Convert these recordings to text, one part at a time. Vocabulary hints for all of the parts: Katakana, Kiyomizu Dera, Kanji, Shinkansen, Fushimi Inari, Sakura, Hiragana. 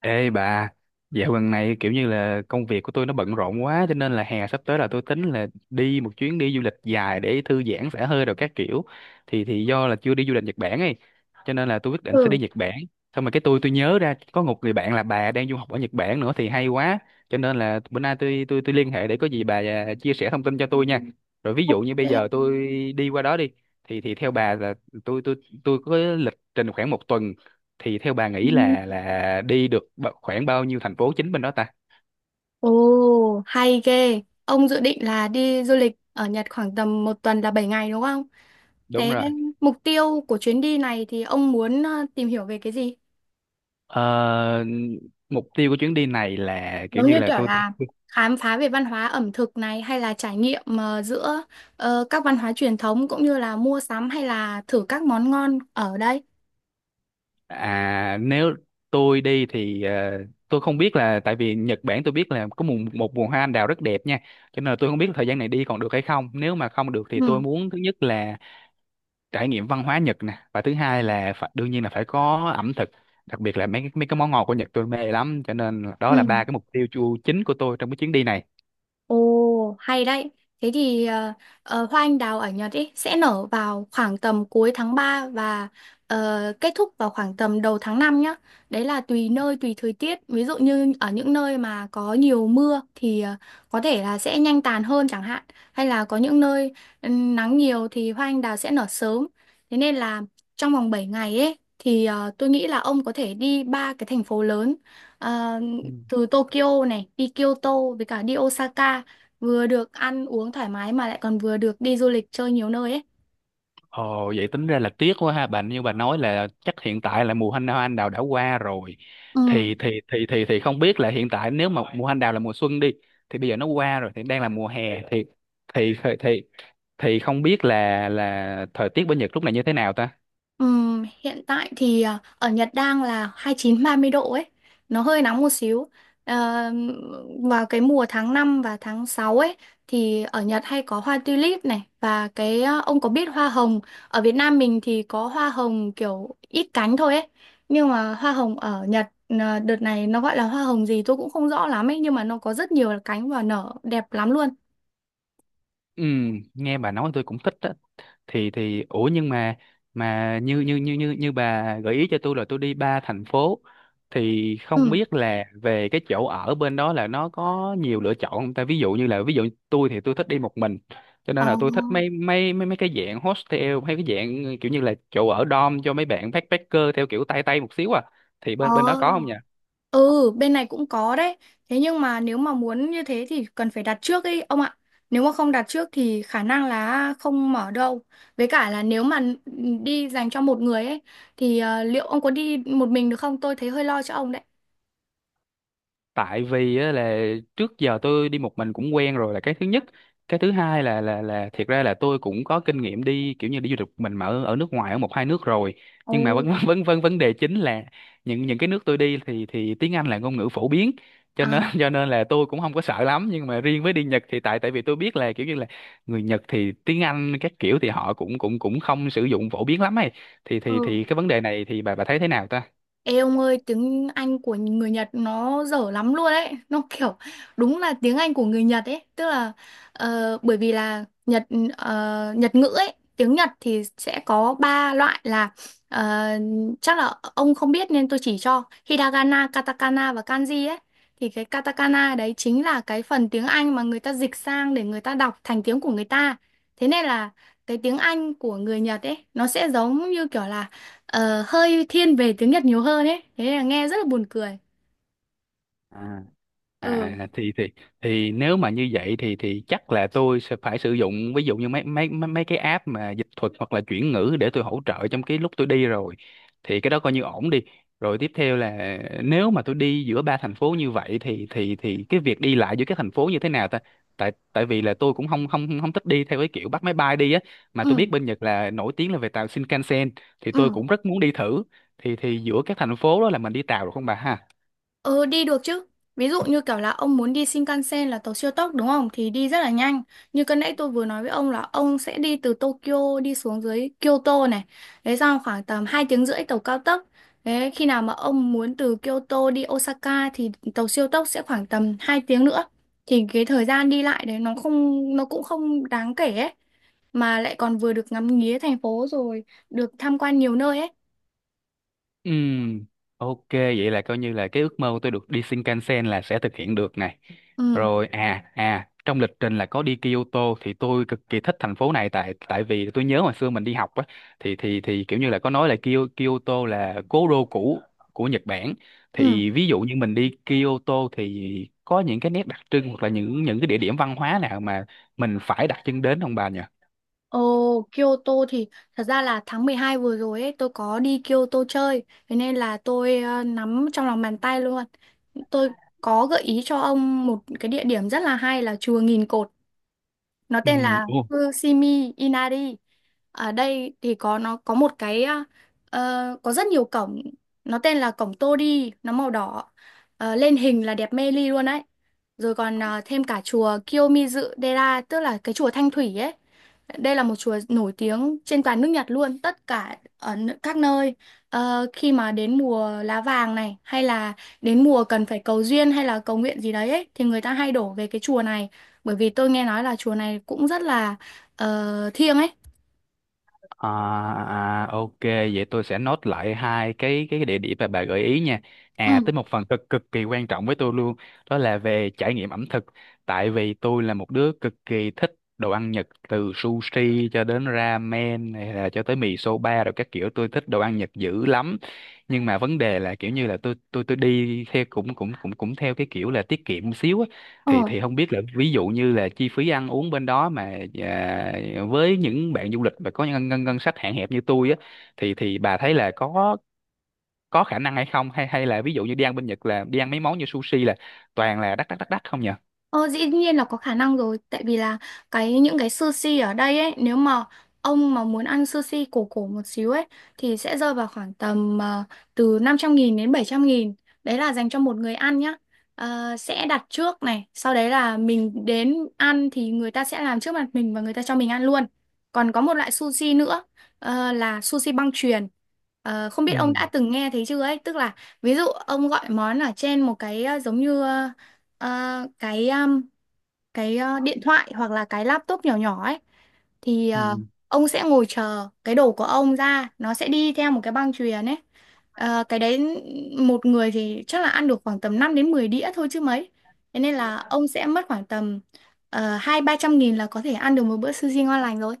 Ê bà, dạo gần này kiểu như là công việc của tôi nó bận rộn quá cho nên là hè sắp tới là tôi tính là đi một chuyến đi du lịch dài để thư giãn xả hơi rồi các kiểu. Thì do là chưa đi du lịch Nhật Bản ấy, cho nên là tôi quyết định sẽ Ừ, đi Nhật Bản. Xong rồi cái tôi nhớ ra có một người bạn là bà đang du học ở Nhật Bản nữa thì hay quá. Cho nên là bữa nay tôi liên hệ để có gì bà à, chia sẻ thông tin cho tôi nha. Rồi ví ok. dụ như bây giờ tôi đi qua đó đi, thì theo bà là tôi tôi tôi có lịch trình khoảng một tuần, thì theo bà Ừ. nghĩ là đi được khoảng bao nhiêu thành phố chính bên đó ta? Ồ, hay ghê. Ông dự định là đi du lịch ở Nhật khoảng tầm một tuần là 7 ngày đúng không? Đúng Thế rồi. mục tiêu của chuyến đi này thì ông muốn tìm hiểu về cái gì? Ờ, Mục tiêu của chuyến đi này là kiểu Giống như như là kiểu tôi. là khám phá về văn hóa ẩm thực này hay là trải nghiệm giữa các văn hóa truyền thống cũng như là mua sắm hay là thử các món ngon ở đây. À, nếu tôi đi thì tôi không biết là tại vì Nhật Bản tôi biết là có một vườn hoa anh đào rất đẹp nha, cho nên là tôi không biết là thời gian này đi còn được hay không. Nếu mà không được thì tôi Ừ, muốn thứ nhất là trải nghiệm văn hóa Nhật nè, và thứ hai là phải, đương nhiên là phải có ẩm thực, đặc biệt là mấy cái món ngọt của Nhật tôi mê lắm, cho nên đó ừ. là ba cái mục tiêu chính của tôi trong cái chuyến đi này. Ồ, hay đấy. Thế thì hoa anh đào ở Nhật ý, sẽ nở vào khoảng tầm cuối tháng 3 và kết thúc vào khoảng tầm đầu tháng 5 nhá. Đấy là tùy nơi, tùy thời tiết. Ví dụ như ở những nơi mà có nhiều mưa thì có thể là sẽ nhanh tàn hơn chẳng hạn. Hay là có những nơi nắng nhiều thì hoa anh đào sẽ nở sớm. Thế nên là trong vòng 7 ngày ấy thì tôi nghĩ là ông có thể đi ba cái thành phố lớn. Ờ, Ừ. từ Tokyo này đi Kyoto với cả đi Osaka, vừa được ăn uống thoải mái mà lại còn vừa được đi du lịch chơi nhiều nơi ấy. Ồ, vậy tính ra là tiếc quá ha bà, như bà nói là chắc hiện tại là mùa hoa hoa anh đào đã qua rồi, Ừ. thì không biết là hiện tại, nếu mà mùa hoa anh đào là mùa xuân đi thì bây giờ nó qua rồi thì đang là mùa hè, thì thì thì, thì không biết là thời tiết bên Nhật lúc này như thế nào ta? Ừ. Hiện tại thì ở Nhật đang là 29-30 độ ấy, nó hơi nóng một xíu. Ờ, vào cái mùa tháng 5 và tháng 6 ấy thì ở Nhật hay có hoa tulip này, và cái ông có biết hoa hồng ở Việt Nam mình thì có hoa hồng kiểu ít cánh thôi ấy, nhưng mà hoa hồng ở Nhật đợt này nó gọi là hoa hồng gì tôi cũng không rõ lắm ấy, nhưng mà nó có rất nhiều cánh và nở đẹp lắm luôn. ừ, Nghe bà nói tôi cũng thích á. Thì ủa nhưng mà như như như như như bà gợi ý cho tôi là tôi đi ba thành phố, thì không Ừ. biết là về cái chỗ ở bên đó là nó có nhiều lựa chọn không ta? Ví dụ như là, ví dụ tôi thì tôi thích đi một mình, cho Ờ. nên là tôi thích mấy mấy mấy mấy cái dạng hostel hay cái dạng kiểu như là chỗ ở dorm cho mấy bạn backpacker theo kiểu tay tay một xíu à, thì Ờ, bên bên đó có không nhỉ? ừ, bên này cũng có đấy. Thế nhưng mà nếu mà muốn như thế thì cần phải đặt trước ấy ông ạ. Nếu mà không đặt trước thì khả năng là không mở đâu. Với cả là nếu mà đi dành cho một người ấy thì liệu ông có đi một mình được không? Tôi thấy hơi lo cho ông đấy. Tại vì á, là trước giờ tôi đi một mình cũng quen rồi là cái thứ nhất, cái thứ hai là là thiệt ra là tôi cũng có kinh nghiệm đi kiểu như đi du lịch một mình mà ở, ở nước ngoài ở một hai nước rồi, Ồ. nhưng mà vấn vấn vấn vấn đề chính là những cái nước tôi đi thì tiếng Anh là ngôn ngữ phổ biến, cho À. nên cho nên là tôi cũng không có sợ lắm, nhưng mà riêng với đi Nhật thì tại tại vì tôi biết là kiểu như là người Nhật thì tiếng Anh các kiểu thì họ cũng cũng cũng không sử dụng phổ biến lắm ấy, thì thì Ừ. thì cái vấn đề này thì bà thấy thế nào Ê ông ơi, tiếng Anh của người Nhật nó dở lắm luôn ấy. Nó kiểu đúng là tiếng Anh của người Nhật ấy. Tức là bởi vì là Nhật ngữ ấy, tiếng Nhật thì sẽ có ba loại là ờ, chắc là ông không biết nên tôi chỉ cho Hiragana, Katakana và Kanji ấy. Thì cái Katakana đấy chính là cái phần tiếng Anh mà người ta dịch sang để người ta đọc thành tiếng của người ta. Thế nên là cái tiếng Anh của người Nhật ấy nó sẽ giống như kiểu là hơi thiên về tiếng Nhật nhiều hơn ấy, thế là nghe rất là buồn cười. ta? Ừ, À thì nếu mà như vậy thì chắc là tôi sẽ phải sử dụng ví dụ như mấy mấy mấy mấy cái app mà dịch thuật hoặc là chuyển ngữ để tôi hỗ trợ trong cái lúc tôi đi rồi. Thì cái đó coi như ổn đi. Rồi tiếp theo là nếu mà tôi đi giữa ba thành phố như vậy thì cái việc đi lại giữa các thành phố như thế nào ta? Tại tại vì là tôi cũng không không không thích đi theo cái kiểu bắt máy bay đi á, mà ừ, tôi biết bên Nhật là nổi tiếng là về tàu Shinkansen, thì tôi ừ, cũng rất muốn đi thử. Thì giữa các thành phố đó là mình đi tàu được không bà ha? ừ, đi được chứ. Ví dụ như kiểu là ông muốn đi Shinkansen là tàu siêu tốc đúng không thì đi rất là nhanh. Như cái nãy tôi vừa nói với ông là ông sẽ đi từ Tokyo đi xuống dưới Kyoto này, đấy xong khoảng tầm 2 tiếng rưỡi tàu cao tốc. Đấy, khi nào mà ông muốn từ Kyoto đi Osaka thì tàu siêu tốc sẽ khoảng tầm 2 tiếng nữa, thì cái thời gian đi lại đấy nó cũng không đáng kể ấy, mà lại còn vừa được ngắm nghía thành phố rồi được tham quan nhiều nơi ấy. Ừm, ok, vậy là coi như là cái ước mơ của tôi được đi Shinkansen là sẽ thực hiện được này. Ừ, Rồi à à, trong lịch trình là có đi Kyoto thì tôi cực kỳ thích thành phố này, tại tại vì tôi nhớ hồi xưa mình đi học á, thì kiểu như là có nói là Kyoto là cố đô cũ của Nhật Bản. ừ. Thì ví dụ như mình đi Kyoto thì có những cái nét đặc trưng hoặc là những cái địa điểm văn hóa nào mà mình phải đặt chân đến không bà nhỉ? Ồ, Kyoto thì thật ra là tháng 12 vừa rồi ấy tôi có đi Kyoto chơi, thế nên là tôi nắm trong lòng bàn tay luôn. Tôi có gợi ý cho ông một cái địa điểm rất là hay là chùa Nghìn Cột. Nó Ừ. tên là Fushimi Inari. Ở đây thì có nó có một cái ờ, ờ, có rất nhiều cổng, nó tên là cổng Tori, nó màu đỏ. Lên hình là đẹp mê ly luôn đấy, rồi còn thêm cả chùa Kiyomizu Dera tức là cái chùa Thanh Thủy ấy, đây là một chùa nổi tiếng trên toàn nước Nhật luôn, tất cả ở các nơi. Khi mà đến mùa lá vàng này hay là đến mùa cần phải cầu duyên hay là cầu nguyện gì đấy ấy, thì người ta hay đổ về cái chùa này, bởi vì tôi nghe nói là chùa này cũng rất là thiêng ấy. À, à, ok, vậy tôi sẽ nốt lại hai cái địa điểm mà bà gợi ý nha. À, Ừ. tới một phần cực cực kỳ quan trọng với tôi luôn, đó là về trải nghiệm ẩm thực. Tại vì tôi là một đứa cực kỳ thích đồ ăn Nhật, từ sushi cho đến ramen hay là cho tới mì soba rồi các kiểu, tôi thích đồ ăn Nhật dữ lắm. Nhưng mà vấn đề là kiểu như là tôi đi theo cũng cũng cũng cũng theo cái kiểu là tiết kiệm một xíu á, thì Ờ. thì không biết là ví dụ như là chi phí ăn uống bên đó mà à, với những bạn du lịch mà có ngân ngân ngân sách hạn hẹp như tôi á, thì bà thấy là có khả năng hay không, hay hay là ví dụ như đi ăn bên Nhật là đi ăn mấy món như sushi là toàn là đắt đắt đắt đắt không nhỉ? Ờ, dĩ nhiên là có khả năng rồi, tại vì là những cái sushi ở đây ấy, nếu mà ông mà muốn ăn sushi cổ cổ một xíu ấy thì sẽ rơi vào khoảng tầm từ 500.000 đến 700.000, đấy là dành cho một người ăn nhá. Sẽ đặt trước này, sau đấy là mình đến ăn thì người ta sẽ làm trước mặt mình và người ta cho mình ăn luôn. Còn có một loại sushi nữa là sushi băng chuyền. Không biết Ừ. ông đã từng nghe thấy chưa ấy, tức là ví dụ ông gọi món ở trên một cái giống như ờ, À, cái điện thoại hoặc là cái laptop nhỏ nhỏ ấy, thì Ừ. ông sẽ ngồi chờ cái đồ của ông ra, nó sẽ đi theo một cái băng chuyền ấy. Cái đấy một người thì chắc là ăn được khoảng tầm 5 đến 10 đĩa thôi chứ mấy, thế nên là ông sẽ mất khoảng tầm hai ba trăm nghìn là có thể ăn được một bữa sushi ngon lành rồi.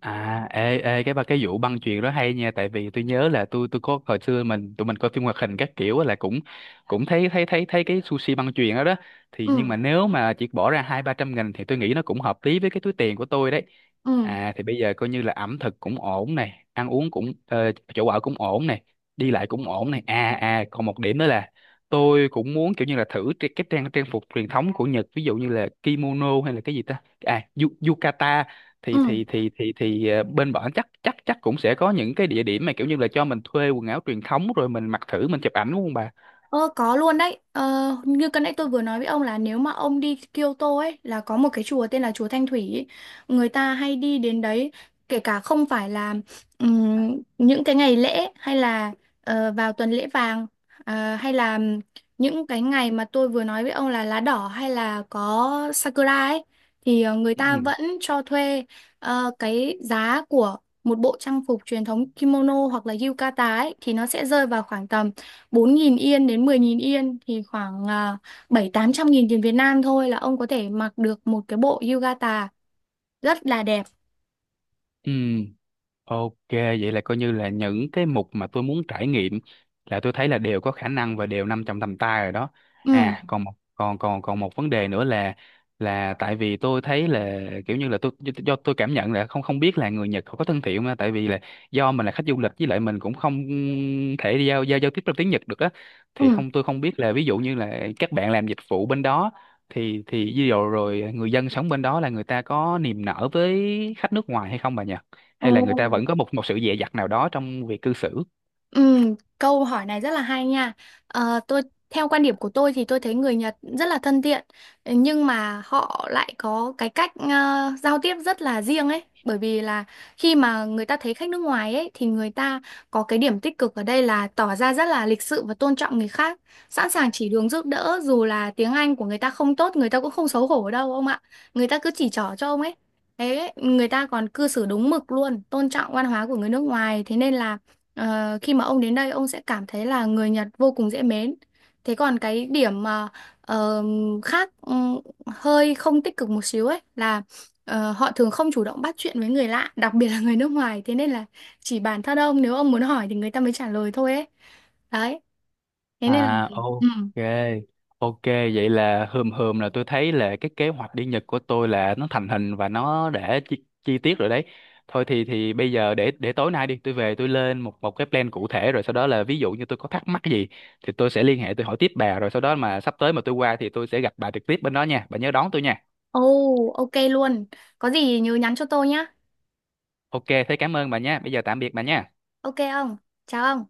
À, ê, ê, cái ba cái vụ băng chuyền đó hay nha, tại vì tôi nhớ là tôi có hồi xưa tụi mình coi phim hoạt hình các kiểu á là cũng cũng thấy thấy thấy thấy cái sushi băng chuyền đó đó, thì nhưng Ừ, mà nếu mà chỉ bỏ ra hai ba trăm nghìn thì tôi nghĩ nó cũng hợp lý với cái túi tiền của tôi đấy. ừ, À, thì bây giờ coi như là ẩm thực cũng ổn này, ăn uống cũng ờ, chỗ ở cũng ổn này, đi lại cũng ổn này. À à, còn một điểm nữa là tôi cũng muốn kiểu như là thử cái trang trang phục truyền thống của Nhật, ví dụ như là kimono hay là cái gì ta? À, yukata, ừ. thì bên bọn chắc chắc chắc cũng sẽ có những cái địa điểm mà kiểu như là cho mình thuê quần áo truyền thống rồi mình mặc thử mình chụp ảnh đúng không bà? Ờ, có luôn đấy. Ờ, như cái nãy tôi vừa nói với ông là nếu mà ông đi Kyoto ấy là có một cái chùa tên là chùa Thanh Thủy ấy. Người ta hay đi đến đấy, kể cả không phải là những cái ngày lễ hay là vào tuần lễ vàng, hay là những cái ngày mà tôi vừa nói với ông là lá đỏ hay là có Sakura ấy, thì người ta Ừ. vẫn cho thuê. Cái giá của một bộ trang phục truyền thống kimono hoặc là yukata ấy thì nó sẽ rơi vào khoảng tầm 4.000 yên đến 10.000 yên, thì khoảng bảy tám trăm nghìn tiền Việt Nam thôi là ông có thể mặc được một cái bộ yukata rất là đẹp. Ừ. Ok, vậy là coi như là những cái mục mà tôi muốn trải nghiệm là tôi thấy là đều có khả năng và đều nằm trong tầm tay rồi đó. Ừ, À, còn một vấn đề nữa là tại vì tôi thấy là kiểu như là tôi, do tôi cảm nhận là không không biết là người Nhật họ có thân thiện không á, tại vì là do mình là khách du lịch với lại mình cũng không thể giao giao giao tiếp trong tiếng Nhật được á, thì ừ. không tôi không biết là ví dụ như là các bạn làm dịch vụ bên đó thì ví dụ rồi người dân sống bên đó là người ta có niềm nở với khách nước ngoài hay không bà nhỉ? Ồ. Hay là người ta vẫn có một một sự dè dặt nào đó trong việc cư xử. Ừ, câu hỏi này rất là hay nha. Ờ, theo quan điểm của tôi thì tôi thấy người Nhật rất là thân thiện, nhưng mà họ lại có cái cách giao tiếp rất là riêng ấy. Bởi vì là khi mà người ta thấy khách nước ngoài ấy thì người ta có cái điểm tích cực ở đây là tỏ ra rất là lịch sự và tôn trọng người khác, sẵn sàng chỉ đường giúp đỡ dù là tiếng Anh của người ta không tốt, người ta cũng không xấu hổ đâu ông ạ. Người ta cứ chỉ trỏ cho ông ấy. Thế người ta còn cư xử đúng mực luôn, tôn trọng văn hóa của người nước ngoài. Thế nên là khi mà ông đến đây ông sẽ cảm thấy là người Nhật vô cùng dễ mến. Thế còn cái điểm mà ờ, khác hơi không tích cực một xíu ấy là họ thường không chủ động bắt chuyện với người lạ, đặc biệt là người nước ngoài. Thế nên là chỉ bản thân ông nếu ông muốn hỏi thì người ta mới trả lời thôi ấy. Đấy. Thế nên là À, ừ. ok. Ok, vậy là hờm hờm là tôi thấy là cái kế hoạch đi Nhật của tôi là nó thành hình và nó đã chi tiết rồi đấy. Thôi thì bây giờ, để tối nay đi, tôi về tôi lên một một cái plan cụ thể, rồi sau đó là ví dụ như tôi có thắc mắc gì thì tôi sẽ liên hệ, tôi hỏi tiếp bà, rồi sau đó mà sắp tới mà tôi qua thì tôi sẽ gặp bà trực tiếp bên đó nha, bà nhớ đón tôi nha. Oh, ok luôn. Có gì nhớ nhắn cho tôi nhá. Ok, thế cảm ơn bà nha, bây giờ tạm biệt bà nha. Ok ông. Chào ông.